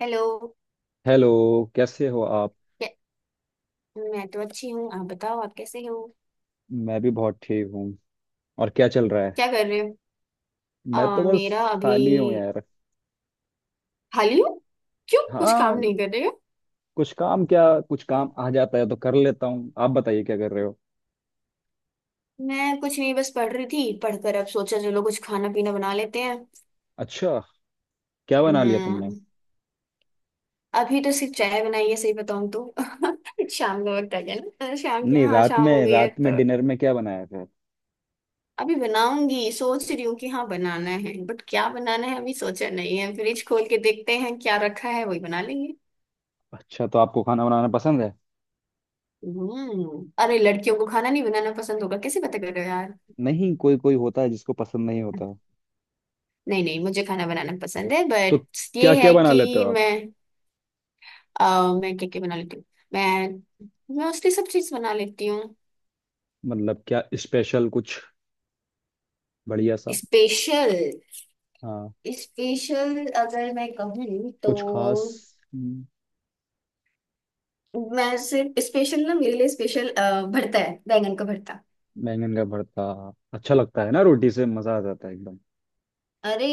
Hello. Hello. कैसे हो आप? क्या। मैं तो अच्छी हूँ, आप बताओ आप कैसे हो। मैं भी बहुत ठीक हूँ और क्या चल रहा है? क्या कर रहे हो। मैं तो बस मेरा अभी। खाली हूँ यार। खाली हूँ। क्यों कुछ काम हाँ, नहीं कर रहे हो। कुछ काम क्या, कुछ काम आ जाता है तो कर लेता हूँ। आप बताइए क्या कर रहे हो? मैं कुछ नहीं, बस पढ़ रही थी, पढ़कर अब सोचा चलो कुछ खाना पीना बना लेते हैं। अच्छा, क्या बना लिया तुमने? हम्म अभी तो सिर्फ चाय बनाई है, सही बताऊँ तो शाम का वक्त आ गया ना, शाम की, नहीं, हाँ रात शाम में हो गई है रात में तो। डिनर में क्या बनाया था? अभी बनाऊंगी, सोच रही हूँ कि हाँ बनाना है बट क्या बनाना है अभी सोचा नहीं है, फ्रिज खोल के देखते हैं क्या रखा है वही बना लेंगे। अच्छा तो आपको खाना बनाना पसंद है? अरे, लड़कियों को खाना नहीं बनाना पसंद होगा? कैसे बातें कर रहे हो यार। नहीं, कोई कोई होता है जिसको पसंद नहीं होता। नहीं नहीं, मुझे खाना बनाना पसंद है तो बट ये क्या क्या है बना लेते कि हो आप? मैं। मैं क्या क्या बना लेती हूँ? मैं मोस्टली सब चीज बना लेती हूँ। मतलब क्या स्पेशल कुछ बढ़िया सा? स्पेशल। हाँ, स्पेशल अगर मैं कहूँ तो, कुछ खास। हम्म। मैं सिर्फ स्पेशल ना, मेरे लिए स्पेशल भरता है, बैंगन का भरता। बैंगन का भरता अच्छा लगता है ना, रोटी से मजा आ जाता है एकदम। अरे,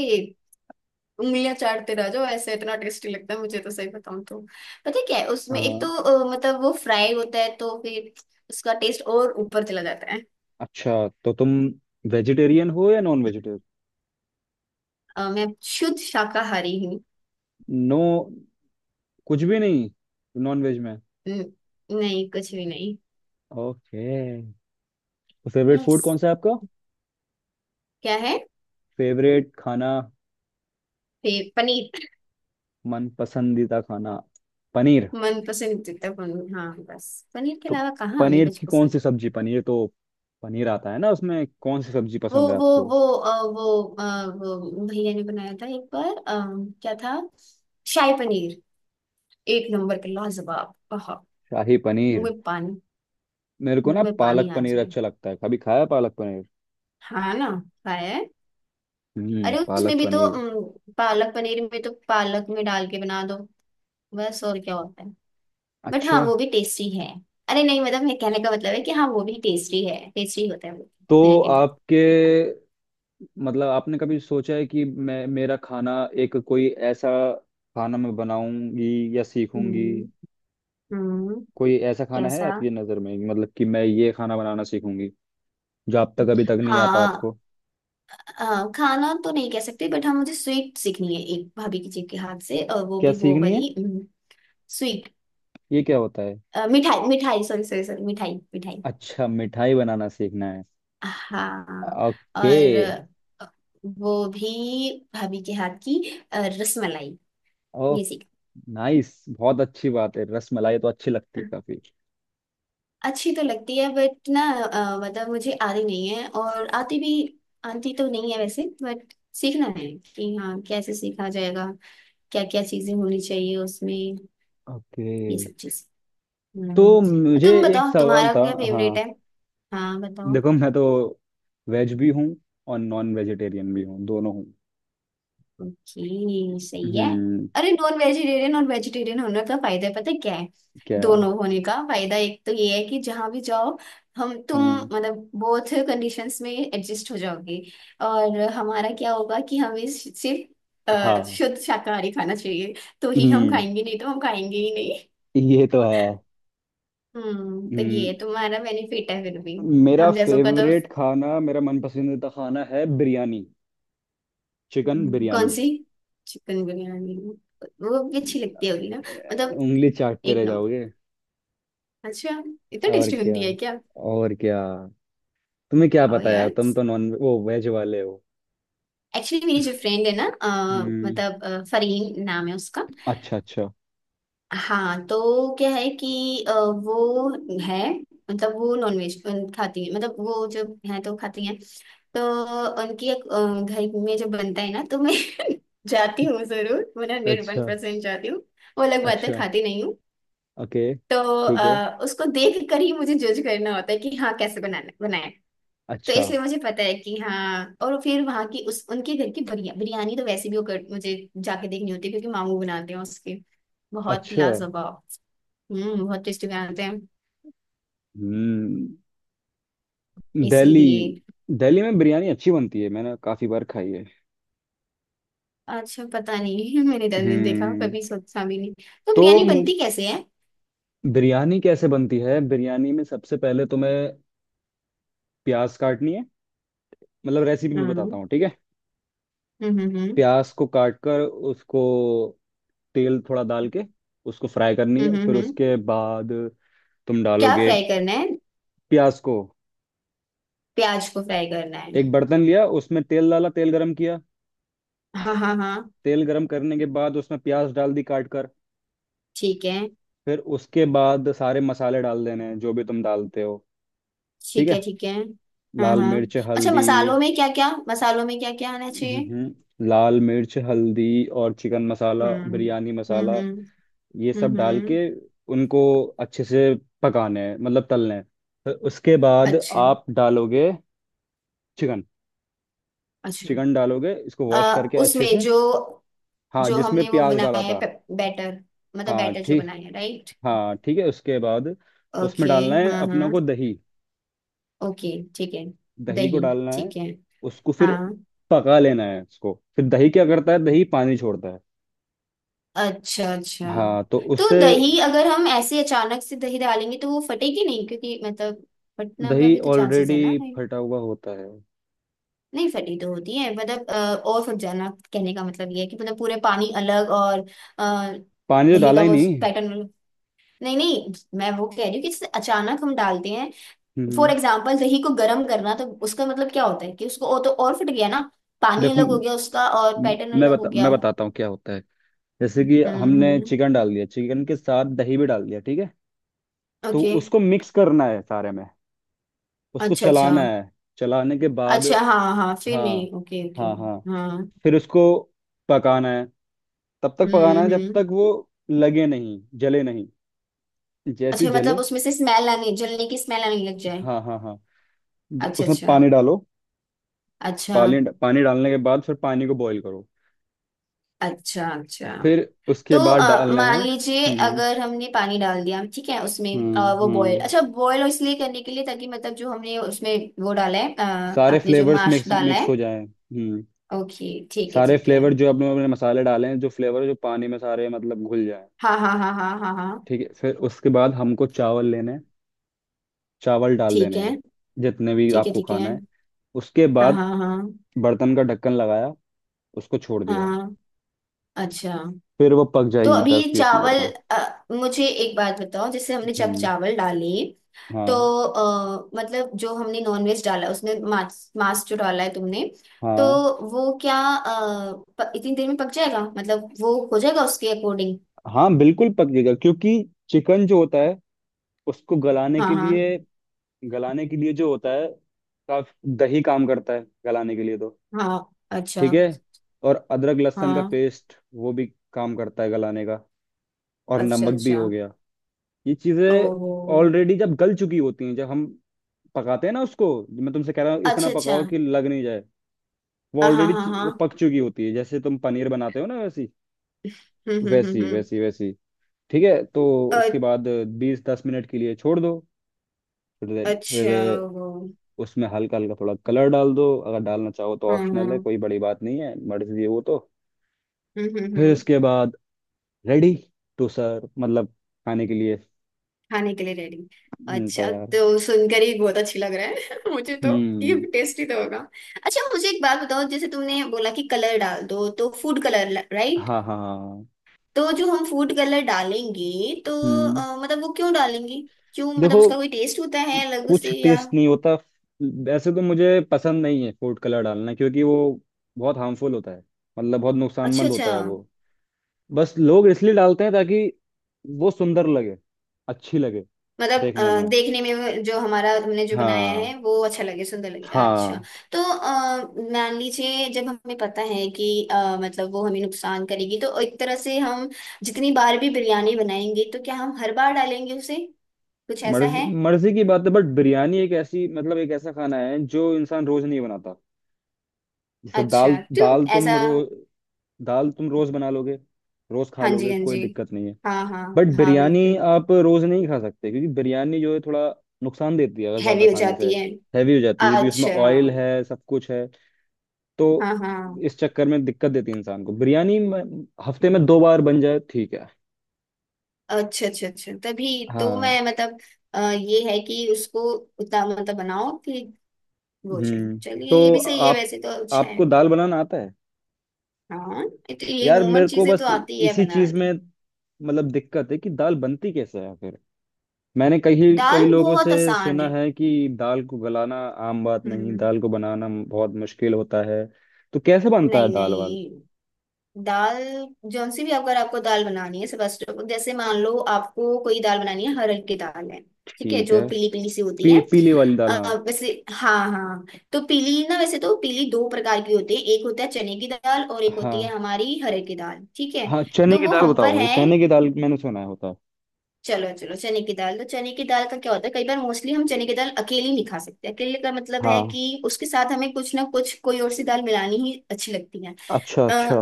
उंगलियां चाटते रह जाओ ऐसे, इतना टेस्टी लगता है मुझे तो, सही बताऊं तो। पता है क्या है अ, उसमें? एक तो मतलब वो फ्राई होता है तो फिर उसका टेस्ट और ऊपर चला जाता है। अच्छा तो तुम वेजिटेरियन हो या नॉन वेजिटेरियन? मैं शुद्ध शाकाहारी हूँ। नो, कुछ भी नहीं नॉन वेज में? हम्म, नहीं कुछ भी नहीं। ओके, तो फेवरेट यस, फूड कौन सा है आपका? क्या है। फेवरेट खाना, फिर पनीर। मन पसंदीदा खाना? पनीर मन पसंद जितना पनीर, हाँ बस। पनीर के तो? अलावा कहाँ हमें पनीर कुछ की कौन पसंद सी होगा। सब्जी? पनीर तो पनीर आता है ना, उसमें कौन सी सब्जी वो पसंद है वो आपको? वो अ, वो अ, वो भैया ने बनाया था एक बार, क्या था, शाही पनीर। एक नंबर के लाजवाब, आहा। शाही मुंह पनीर। में पानी। मेरे को मुंह ना में पानी पालक आ पनीर जाए। अच्छा लगता है, कभी खाया पालक पनीर? हाँ ना। खाया है। हम्म, अरे, पालक उसमें भी तो पनीर। पालक पनीर में तो पालक में डाल के बना दो, बस और क्या होता है। बट हाँ अच्छा वो भी टेस्टी है। अरे नहीं, मतलब मेरे कहने का मतलब है कि हाँ वो भी टेस्टी है, टेस्टी होता है वो, तो मेरे कहने का। आपके, मतलब आपने कभी सोचा है कि मैं मेरा खाना, एक कोई ऐसा खाना मैं बनाऊंगी या सीखूंगी, हम्म। हम्म। कोई ऐसा खाना है कैसा। आपकी नज़र में कि मतलब कि मैं ये खाना बनाना सीखूंगी, जो आप तक अभी तक नहीं आता हाँ, आपको? हाँ, खाना तो नहीं कह सकते बट हाँ मुझे स्वीट सीखनी है एक भाभी की जी के हाथ से, और वो क्या भी वो सीखनी है? वाली। स्वीट। ये क्या होता है? मिठाई मिठाई, सॉरी सॉरी सॉरी, मिठाई मिठाई। अच्छा, मिठाई बनाना सीखना है। हाँ। ओके। और वो भी भाभी के हाथ की, रसमलाई। ओ ये सीख। नाइस, बहुत अच्छी बात है, रसमलाई तो अच्छी लगती है काफी। अच्छी तो लगती है बट ना, मतलब मुझे आती नहीं है, और आती भी, आती तो नहीं है वैसे बट सीखना है कि हाँ कैसे सीखा जाएगा, क्या क्या चीजें होनी चाहिए उसमें, ओके, ये सब चीज। तो मुझे तुम एक बताओ सवाल तुम्हारा था। क्या हाँ, फेवरेट है। हाँ बताओ। देखो मैं तो वेज भी हूँ और नॉन वेजिटेरियन भी हूँ, दोनों हूँ। ओके सही है। हम्म। अरे, नॉन वेजिटेरियन और वेजिटेरियन होने का फायदा पता है क्या है? क्या? दोनों होने का फायदा एक तो ये है कि जहां भी जाओ, हम तुम हम्म। मतलब बोथ कंडीशंस में एडजस्ट हो जाओगे। और हमारा क्या होगा कि हमें सिर्फ हाँ। शुद्ध शाकाहारी खाना चाहिए, तो ही हम हम्म, खाएंगे, नहीं तो हम खाएंगे ही नहीं। ये तो है। तो हम्म। ये तुम्हारा बेनिफिट है फिर भी। मेरा हम जैसों का तो। फेवरेट खाना, मेरा मन पसंदीदा खाना है बिरयानी, चिकन कौन बिरयानी। सी, चिकन बिरयानी। वो भी अच्छी लगती होगी ना, अ, मतलब। उंगली चाटते एक रह नंबर। जाओगे। अच्छा, इतना और टेस्टी क्या, बनती है क्या। और क्या। तुम्हें क्या ओ पता यार, तुम यस। तो नॉन वो वेज वाले हो। एक्चुअली मेरी जो फ्रेंड है ना, हम्म। मतलब फरीन नाम है उसका। अच्छा अच्छा हाँ तो क्या है कि वो है, मतलब वो नॉनवेज खाती है, मतलब वो जब है तो खाती है। तो उनकी एक, घर में जो बनता है ना तो मैं जाती हूँ, जरूर, मैं हंड्रेड वन अच्छा परसेंट जाती हूँ। वो अलग बात है, अच्छा। खाती नहीं हूँ। ओके तो ठीक है। उसको देख कर ही मुझे जज करना होता है कि हाँ कैसे बनाना। तो अच्छा इसलिए मुझे पता है कि हाँ, और फिर वहां की उस उनके घर की बिरयानी तो वैसे भी मुझे जाके देखनी होती है क्योंकि मामू बनाते हैं उसके, बहुत अच्छा। लाजवाब। बहुत टेस्टी बनाते हैं। हम्म। दिल्ली इसीलिए। दिल्ली में बिरयानी अच्छी बनती है, मैंने काफी बार खाई है। अच्छा, पता नहीं मैंने 10 दिन देखा, हम्म। कभी सोचा भी नहीं। तो तो बिरयानी बनती कैसे है। बिरयानी कैसे बनती है? बिरयानी में सबसे पहले तुम्हें प्याज काटनी है, मतलब रेसिपी में बताता हम्म हूँ, ठीक है? हम्म हम्म प्याज को काट कर उसको, तेल थोड़ा डाल के उसको फ्राई करनी हम्म है। हम्म फिर हम्म। उसके बाद तुम क्या डालोगे फ्राई करना है। प्याज को। प्याज को फ्राई करना है। एक बर्तन लिया, उसमें तेल डाला, तेल गरम किया। हाँ हाँ हाँ। तेल गरम करने के बाद उसमें प्याज डाल दी काट कर। ठीक है। फिर उसके बाद सारे मसाले डाल देने हैं जो भी तुम डालते हो। ठीक ठीक है है, ठीक है। हाँ लाल हाँ। मिर्च अच्छा, हल्दी। मसालों में क्या क्या, मसालों में क्या क्या आना चाहिए। लाल मिर्च हल्दी और चिकन मसाला हम्म। बिरयानी मसाला। हम्म। ये सब डाल हम्म। के उनको अच्छे से पकाने हैं, मतलब तलने हैं। फिर उसके बाद अच्छा। आप डालोगे चिकन। अच्छा। चिकन डालोगे इसको, वॉश करके अच्छे उसमें से। जो, हाँ, जो जिसमें हमने वो प्याज बनाया डाला है, था। बैटर, मतलब हाँ बैटर जो ठीक, बनाया है, राइट। हाँ ठीक है। उसके बाद उसमें ओके। डालना है हाँ अपना हाँ, को दही। ओके, ठीक है। दही को दही, डालना है, ठीक है। उसको फिर हाँ। पका लेना है। उसको फिर दही क्या करता है, दही पानी छोड़ता है। अच्छा अच्छा, हाँ, तो तो उससे दही अगर हम ऐसे अचानक से दही डालेंगे तो वो फटेगी नहीं क्योंकि मतलब फटना का दही भी तो चांसेस ऑलरेडी है ना, right? फटा हुआ होता है, नहीं, फटी तो होती है, मतलब, और फट जाना कहने का मतलब ये है कि मतलब पूरे पानी अलग, और अ, पानी तो दही डाला का ही वो नहीं। पैटर्न। नहीं नहीं, मैं वो कह रही हूँ कि जैसे अचानक हम डालते हैं हम्म फॉर हम्म। एग्जाम्पल दही को गर्म करना, तो उसका मतलब क्या होता है कि उसको और तो और फट गया ना, पानी देखो, अलग हो गया उसका और पैटर्न अलग हो गया। मैं बताता हूँ क्या होता है। जैसे कि हमने हम्म, चिकन डाल दिया, चिकन के साथ दही भी डाल दिया, ठीक है? तो ओके। उसको मिक्स करना है सारे में, उसको अच्छा अच्छा, चलाना है। चलाने के बाद, अच्छा हाँ हाँ फिर हाँ नहीं, ओके ओके। हाँ हाँ, हाँ। फिर उसको पकाना है। तब तक पकाना है जब हम्म। तक वो लगे नहीं जले नहीं, जैसे ही अच्छा, मतलब जले, उसमें से स्मेल आने, जलने की स्मेल आने लग जाए। हाँ हाँ हाँ, अच्छा उसमें अच्छा। पानी डालो। अच्छा। पानी पानी डालने के बाद फिर पानी को बॉईल करो। अच्छा, अच्छा फिर उसके तो बाद डालने हैं। मान लीजिए हम्म अगर हमने पानी डाल दिया ठीक है, उसमें वो बॉयल, हम्म। अच्छा बॉयल इसलिए करने के लिए ताकि मतलब जो हमने उसमें वो डाला है, सारे आपने जो फ्लेवर्स माश मिक्स डाला मिक्स है, हो जाए। हम्म। ओके ठीक है सारे ठीक है। फ्लेवर, जो अपने अपने मसाले डाले हैं, जो फ्लेवर जो पानी में सारे मतलब घुल जाए। हाँ हाँ हाँ हाँ हाँ हाँ। ठीक है, फिर उसके बाद हमको चावल लेने हैं। चावल डाल ठीक देने हैं है जितने भी ठीक है। आपको ठीक है। खाना है। उसके हाँ बाद हाँ हाँ बर्तन का ढक्कन लगाया, उसको छोड़ दिया। हाँ। अच्छा। फिर वो पक तो जाएगी दस अभी बीस मिनट चावल, में। मुझे एक बात बताओ, जैसे हमने जब हम्म। चावल डाले तो हाँ मतलब जो हमने नॉनवेज डाला, उसमें मांस मांस जो डाला है तुमने, तो हाँ वो क्या, इतनी देर में पक जाएगा मतलब वो हो जाएगा उसके अकॉर्डिंग। हाँ, बिल्कुल पक जाएगा, क्योंकि चिकन जो होता है उसको गलाने हाँ के लिए, हाँ गलाने के लिए जो होता है काफी दही काम करता है गलाने के लिए तो। हाँ। अच्छा। ठीक है, और अदरक लहसुन का हाँ। पेस्ट, वो भी काम करता है गलाने का। और अच्छा नमक भी अच्छा। हो गया। ये चीजें ओहो। ऑलरेडी जब गल चुकी होती हैं, जब हम पकाते हैं ना, उसको, मैं तुमसे कह रहा हूँ इतना अच्छा अच्छा। पकाओ कि लग नहीं जाए। वो हाँ हाँ हाँ ऑलरेडी वो हाँ। पक चुकी होती है, जैसे तुम पनीर बनाते हो ना, वैसी वैसी हम्म। वैसी वैसी। ठीक है, तो इसके अ- बाद 20-10 मिनट के लिए छोड़ दो। फिर अच्छा। फिर वो। उसमें हल्का हल्का थोड़ा कलर डाल दो अगर डालना चाहो तो, हम्म ऑप्शनल है, हम्म कोई बड़ी बात नहीं है, मर्जी है वो तो। हम्म हम्म फिर हम्म। इसके बाद रेडी टू सर्व, मतलब खाने के लिए। खाने के लिए रेडी। अच्छा तैयार। तो सुनकर ही बहुत अच्छी लग रहा है मुझे तो। ये हम्म। टेस्टी तो होगा। अच्छा, मुझे एक बात बताओ, जैसे तुमने बोला कि कलर डाल दो, तो फूड कलर, राइट? हाँ हाँ हाँ। तो जो हम फूड कलर डालेंगे, तो हम्म। मतलब वो क्यों डालेंगे? क्यों, मतलब देखो, उसका कोई टेस्ट होता है अलग कुछ से या? टेस्ट नहीं होता, वैसे तो मुझे पसंद नहीं है फूड कलर डालना क्योंकि वो बहुत हार्मफुल होता है, मतलब बहुत अच्छा नुकसानमंद अच्छा, होता है वो। बस लोग इसलिए डालते हैं ताकि वो सुंदर लगे, अच्छी लगे मतलब देखने में। देखने में जो हमारा, हमने जो बनाया हाँ है वो अच्छा लगे, सुंदर लगे, अच्छा। हाँ। तो मान लीजिए जब हमें पता है कि मतलब वो हमें नुकसान करेगी, तो एक तरह से हम जितनी बार भी बिरयानी बनाएंगे तो क्या हम हर बार डालेंगे उसे? कुछ ऐसा मर्जी है। मर्जी की बात है, बट बिरयानी एक ऐसी, मतलब एक ऐसा खाना है जो इंसान रोज नहीं बनाता। जैसे दाल, अच्छा क्यों? दाल तुम ऐसा? रोज दाल तुम रोज बना लोगे, रोज खा हाँ जी लोगे, हाँ कोई जी। दिक्कत नहीं है। हाँ हाँ। बट हाँ बिरयानी बिल्कुल। आप रोज नहीं खा सकते क्योंकि बिरयानी जो है थोड़ा नुकसान देती है अगर हैवी ज्यादा हो खाने से, जाती है। हैवी हो जाती है क्योंकि उसमें अच्छा। ऑयल है सब कुछ है। तो हाँ हाँ। इस चक्कर में दिक्कत देती है इंसान को, हफ्ते में 2 बार बन जाए ठीक है। अच्छा अच्छा अच्छा, तभी तो हाँ। मैं मतलब ये है कि उसको उतना मतलब बनाओ कि भोजन, हम्म। चलिए ये तो भी सही है, आप, वैसे तो अच्छा है। आपको दाल बनाना आता है? हाँ ये तो, ये यार नॉर्मल मेरे को चीजें बस तो आती है इसी चीज बनाने। में मतलब दिक्कत है कि दाल बनती कैसे है। फिर मैंने कई कई दाल लोगों बहुत से आसान सुना है। है कि दाल को गलाना आम बात नहीं, हम्म, दाल को बनाना बहुत मुश्किल होता है। तो कैसे बनता है नहीं दाल वाल? नहीं। दाल जौन सी भी, अगर आपको दाल बनानी है, सबसे जैसे मान लो आपको कोई दाल बनानी है, हरड़ की दाल है ठीक है, ठीक जो है, पीली पीली सी होती है। पीली वाली दाल हाँ। वैसे हाँ हाँ। तो पीली ना, वैसे तो पीली दो प्रकार की होती है, एक होता है चने की दाल और एक होती है हाँ हमारी हरड़ की दाल, ठीक है। हाँ, चने तो की वो दाल हम बताओ पर मुझे, है। चने की दाल मैंने सुना है होता है। चलो चलो, चने की दाल। तो चने की दाल का क्या होता है, कई बार मोस्टली हम चने की दाल अकेली नहीं खा सकते, अकेले का मतलब है हाँ। कि उसके साथ हमें कुछ ना कुछ कोई और सी दाल मिलानी ही अच्छी लगती है। अच्छा आ, अच्छा।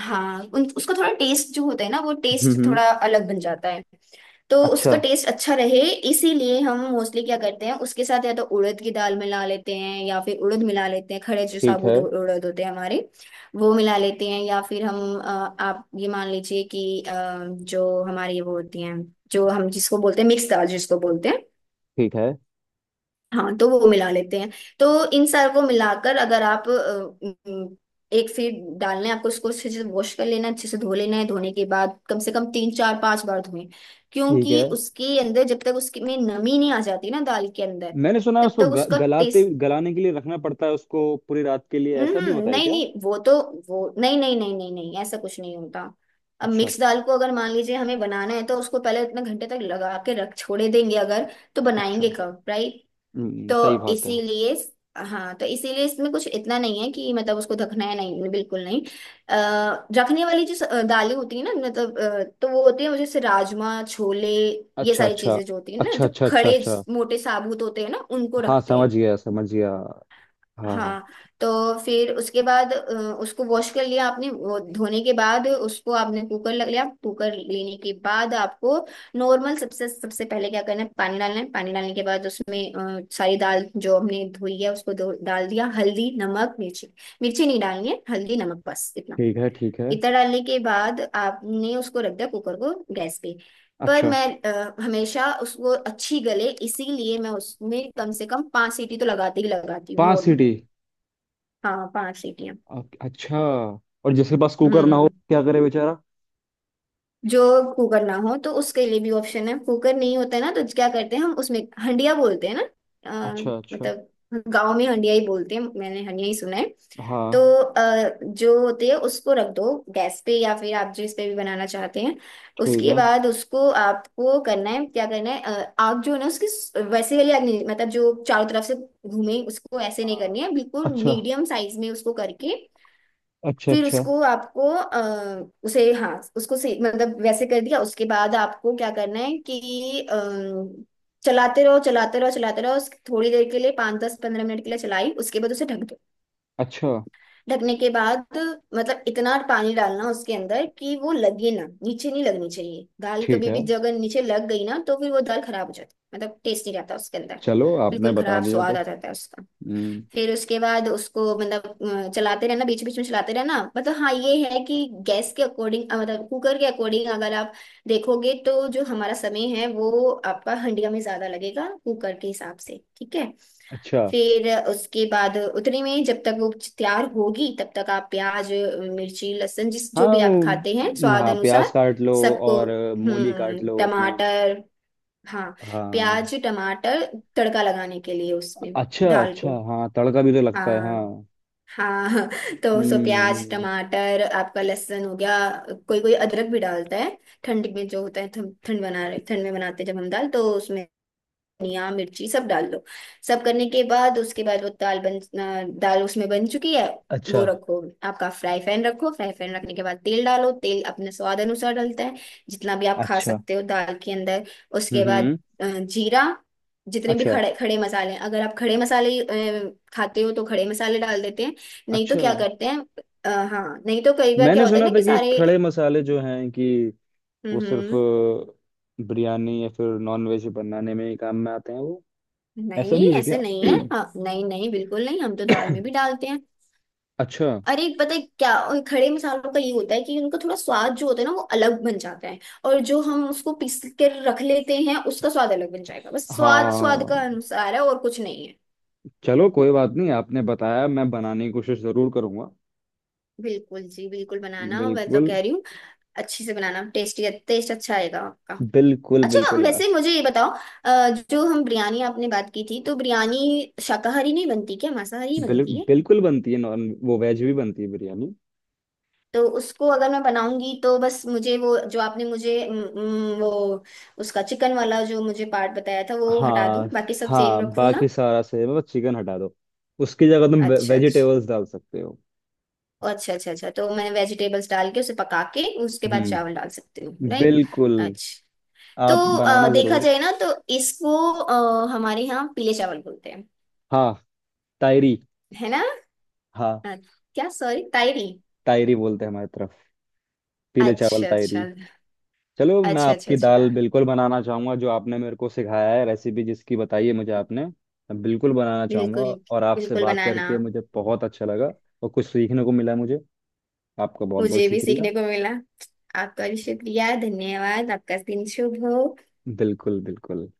हाँ उसका थोड़ा टेस्ट जो होता है ना, वो टेस्ट हम्म। थोड़ा अलग बन जाता है। तो अच्छा। उसका टेस्ट अच्छा रहे, इसीलिए हम मोस्टली क्या करते हैं उसके साथ या तो उड़द की दाल मिला लेते हैं या फिर उड़द मिला लेते हैं, खड़े जो ठीक साबुत है उड़द होते हैं हमारे, वो मिला लेते हैं, या फिर हम, आप ये मान लीजिए कि जो हमारी वो होती हैं, जो हम जिसको बोलते हैं मिक्स दाल, जिसको बोलते हैं। ठीक है हाँ तो वो मिला लेते हैं। तो इन सार को मिलाकर अगर आप, अम, एक फीट डालना है आपको, उसको अच्छे से वॉश कर लेना है, अच्छे से धो लेना है, धोने के बाद कम से कम 3 4 5 बार धोएं, ठीक क्योंकि है। उसके अंदर जब तक उसके में नमी नहीं आ जाती ना दाल के अंदर मैंने सुना है तब उसको तक उसका गलाते, टेस्ट। गलाने के लिए रखना पड़ता है उसको पूरी रात के लिए, ऐसा भी होता है नहीं क्या? नहीं। वो तो वो नहीं नहीं नहीं नहीं नहीं, ऐसा कुछ नहीं होता। अब अच्छा मिक्स दाल को अगर मान लीजिए हमें बनाना है, तो उसको पहले इतने घंटे तक लगा के रख छोड़े देंगे अगर, तो अच्छा। बनाएंगे कब, राइट तो सही बात है। इसीलिए, हाँ तो इसीलिए इसमें कुछ इतना नहीं है कि मतलब उसको ढकना है, नहीं बिल्कुल नहीं। अः, रखने वाली जो दालें होती है ना, मतलब तो वो होती है जैसे राजमा छोले, ये अच्छा सारी अच्छा चीजें जो होती है ना, अच्छा जो अच्छा। अच्छा खड़े अच्छा। मोटे साबुत होते हैं ना उनको हाँ रखते समझ हैं। गया समझ गया। हाँ हाँ। हाँ। तो फिर उसके बाद उसको वॉश कर लिया आपने, वो धोने के बाद उसको आपने कुकर लग लिया, कुकर लेने के बाद आपको नॉर्मल सबसे सबसे पहले क्या करना है पानी डालना है, पानी डालने के बाद उसमें सारी दाल जो हमने धोई है उसको डाल दिया। हल्दी नमक मिर्ची मिर्ची नहीं डालनी है। हल्दी नमक बस इतना। ठीक है ठीक है। इतना डालने के बाद आपने उसको रख दिया कुकर को गैस पे। पर अच्छा, मैं हमेशा उसको अच्छी गले इसीलिए मैं उसमें कम से कम 5 सीटी तो लगाती ही लगाती हूँ पांच नॉर्मल। सीटी हाँ, 5 सीटियां। अच्छा। और जिसके पास कुकर ना हो हम्म, क्या करे बेचारा? जो कुकर ना हो तो उसके लिए भी ऑप्शन है। कुकर नहीं होता है ना तो क्या करते हैं हम उसमें हंडिया बोलते हैं ना। अ, अच्छा अच्छा। मतलब गांव में हंडिया ही बोलते हैं, मैंने हंडिया ही सुना है। तो हाँ जो होती है उसको रख दो गैस पे या फिर आप जिस पे भी बनाना चाहते हैं। ठीक उसके है। बाद उसको आपको करना है क्या करना है, आग जो है ना उसकी वैसे वाली आग नहीं, मतलब जो चारों तरफ से घूमे उसको ऐसे नहीं करनी हाँ। है, बिल्कुल अच्छा मीडियम साइज में उसको करके। अच्छा फिर अच्छा उसको आपको उसे, हाँ, उसको मतलब वैसे कर दिया। उसके बाद आपको क्या करना है कि चलाते रहो चलाते रहो चलाते रहो, थोड़ी देर के लिए, 5 10 15 मिनट के लिए चलाई, उसके बाद उसे ढक दो। अच्छा। ढकने के बाद मतलब इतना पानी डालना उसके अंदर कि वो लगे ना, नीचे नहीं लगनी चाहिए दाल ठीक कभी है। भी, जगह नीचे लग गई ना तो फिर वो दाल खराब हो जाती है। मतलब टेस्ट नहीं रहता उसके अंदर, चलो आपने बिल्कुल बता खराब दिया तो। स्वाद आ जाता है उसका। हम्म। फिर उसके बाद उसको मतलब चलाते रहना, बीच बीच में चलाते रहना। मतलब हाँ ये है कि गैस के अकॉर्डिंग, मतलब कुकर के अकॉर्डिंग अगर आप देखोगे तो जो हमारा समय है वो आपका हंडिया में ज्यादा लगेगा कुकर के हिसाब से, ठीक है। अच्छा। फिर उसके बाद उतने में जब तक वो तैयार होगी तब तक आप प्याज मिर्ची लहसुन जिस जो भी आप हाँ, खाते हैं स्वाद हाँ प्याज अनुसार काट लो सबको। और मूली काट हम्म, लो अपने। टमाटर, हाँ, हाँ। प्याज टमाटर तड़का लगाने के लिए, उसमें अच्छा दाल अच्छा, को। हाँ तड़का भी तो लगता है हाँ, हाँ। हाँ। तो उसको प्याज हम्म। टमाटर आपका लहसुन हो गया। कोई कोई अदरक भी डालता है। ठंड में जो होता है, ठंड ठंड बना रहे, ठंड में बनाते हैं जब हम दाल तो उसमें धनिया मिर्ची सब डाल दो। सब करने के बाद उसके बाद वो दाल बन, दाल उसमें बन चुकी है। वो अच्छा रखो आपका फ्राई पैन, रखो फ्राई पैन रखने के बाद तेल डालो, तेल अपने स्वाद अनुसार डलता है जितना भी आप खा अच्छा। सकते हो दाल के अंदर। हम्म उसके बाद हम्म, जीरा, जितने भी अच्छा खड़े खड़े मसाले हैं, अगर आप खड़े मसाले खाते हो तो खड़े मसाले डाल देते हैं। नहीं तो अच्छा। क्या करते हैं, हाँ, नहीं तो कई बार क्या मैंने होता है सुना ना था कि कि सारे। खड़े मसाले जो हैं कि वो हम्म, सिर्फ बिरयानी या फिर नॉनवेज बनाने में ही काम में आते हैं वो। ऐसा नहीं भी है ऐसे क्या? नहीं है, हाँ, नहीं नहीं, बिल्कुल नहीं, हम तो दाल में भी डालते हैं। अच्छा। अरे, पता है क्या उन खड़े मसालों का, ये होता है कि उनका थोड़ा स्वाद जो होता है ना वो अलग बन जाता है। और जो हम उसको पीस कर रख लेते हैं उसका स्वाद अलग बन जाएगा, बस स्वाद स्वाद का हाँ अनुसार है, और कुछ नहीं है। चलो कोई बात नहीं, आपने बताया, मैं बनाने की कोशिश जरूर करूंगा। बिल्कुल जी, बिल्कुल बनाना, मैं तो बिल्कुल। कह रही हूँ अच्छे से बनाना, टेस्टी टेस्ट अच्छा आएगा आपका। बिल्कुल अच्छा, बिल्कुल। वैसे मुझे ये बताओ, जो हम बिरयानी आपने बात की थी, तो बिरयानी शाकाहारी नहीं बनती क्या? मांसाहारी ही बनती है? बिल्कुल बनती है, नॉन वो वेज भी बनती है बिरयानी। तो उसको अगर मैं बनाऊंगी तो बस मुझे वो, जो आपने मुझे वो उसका चिकन वाला जो मुझे पार्ट बताया था वो हटा दूं, हाँ। बाकी सब सेम हाँ, रखूं बाकी ना। सारा सही है, मतलब चिकन हटा दो, उसकी जगह तुम अच्छा अच्छा। वेजिटेबल्स डाल सकते हो। ओ, अच्छा अच्छा अच्छा, तो मैं वेजिटेबल्स डाल के उसे पका के उसके बाद हम्म, चावल डाल सकती हूँ, राइट। बिल्कुल। अच्छा, तो आप बनाना देखा जरूर। जाए ना तो इसको हमारे यहाँ पीले चावल बोलते हैं, हाँ। तायरी। है ना। हाँ। अ, क्या, सॉरी, तायरी? तायरी बोलते हैं हमारी तरफ, पीले चावल अच्छा अच्छा तायरी। चलो मैं अच्छा। अच्छा आपकी दाल अच्छा। बिल्कुल बनाना चाहूंगा जो आपने मेरे को सिखाया है, रेसिपी जिसकी बताई है मुझे आपने, मैं बिल्कुल बनाना चाहूंगा। बिल्कुल, और आपसे बिल्कुल बात बनाना। करके मुझे बहुत अच्छा लगा और कुछ सीखने को मिला मुझे। आपका बहुत बहुत मुझे भी शुक्रिया। सीखने को मिला। आपका भी शुक्रिया, धन्यवाद, आपका दिन शुभ हो। बिल्कुल बिल्कुल।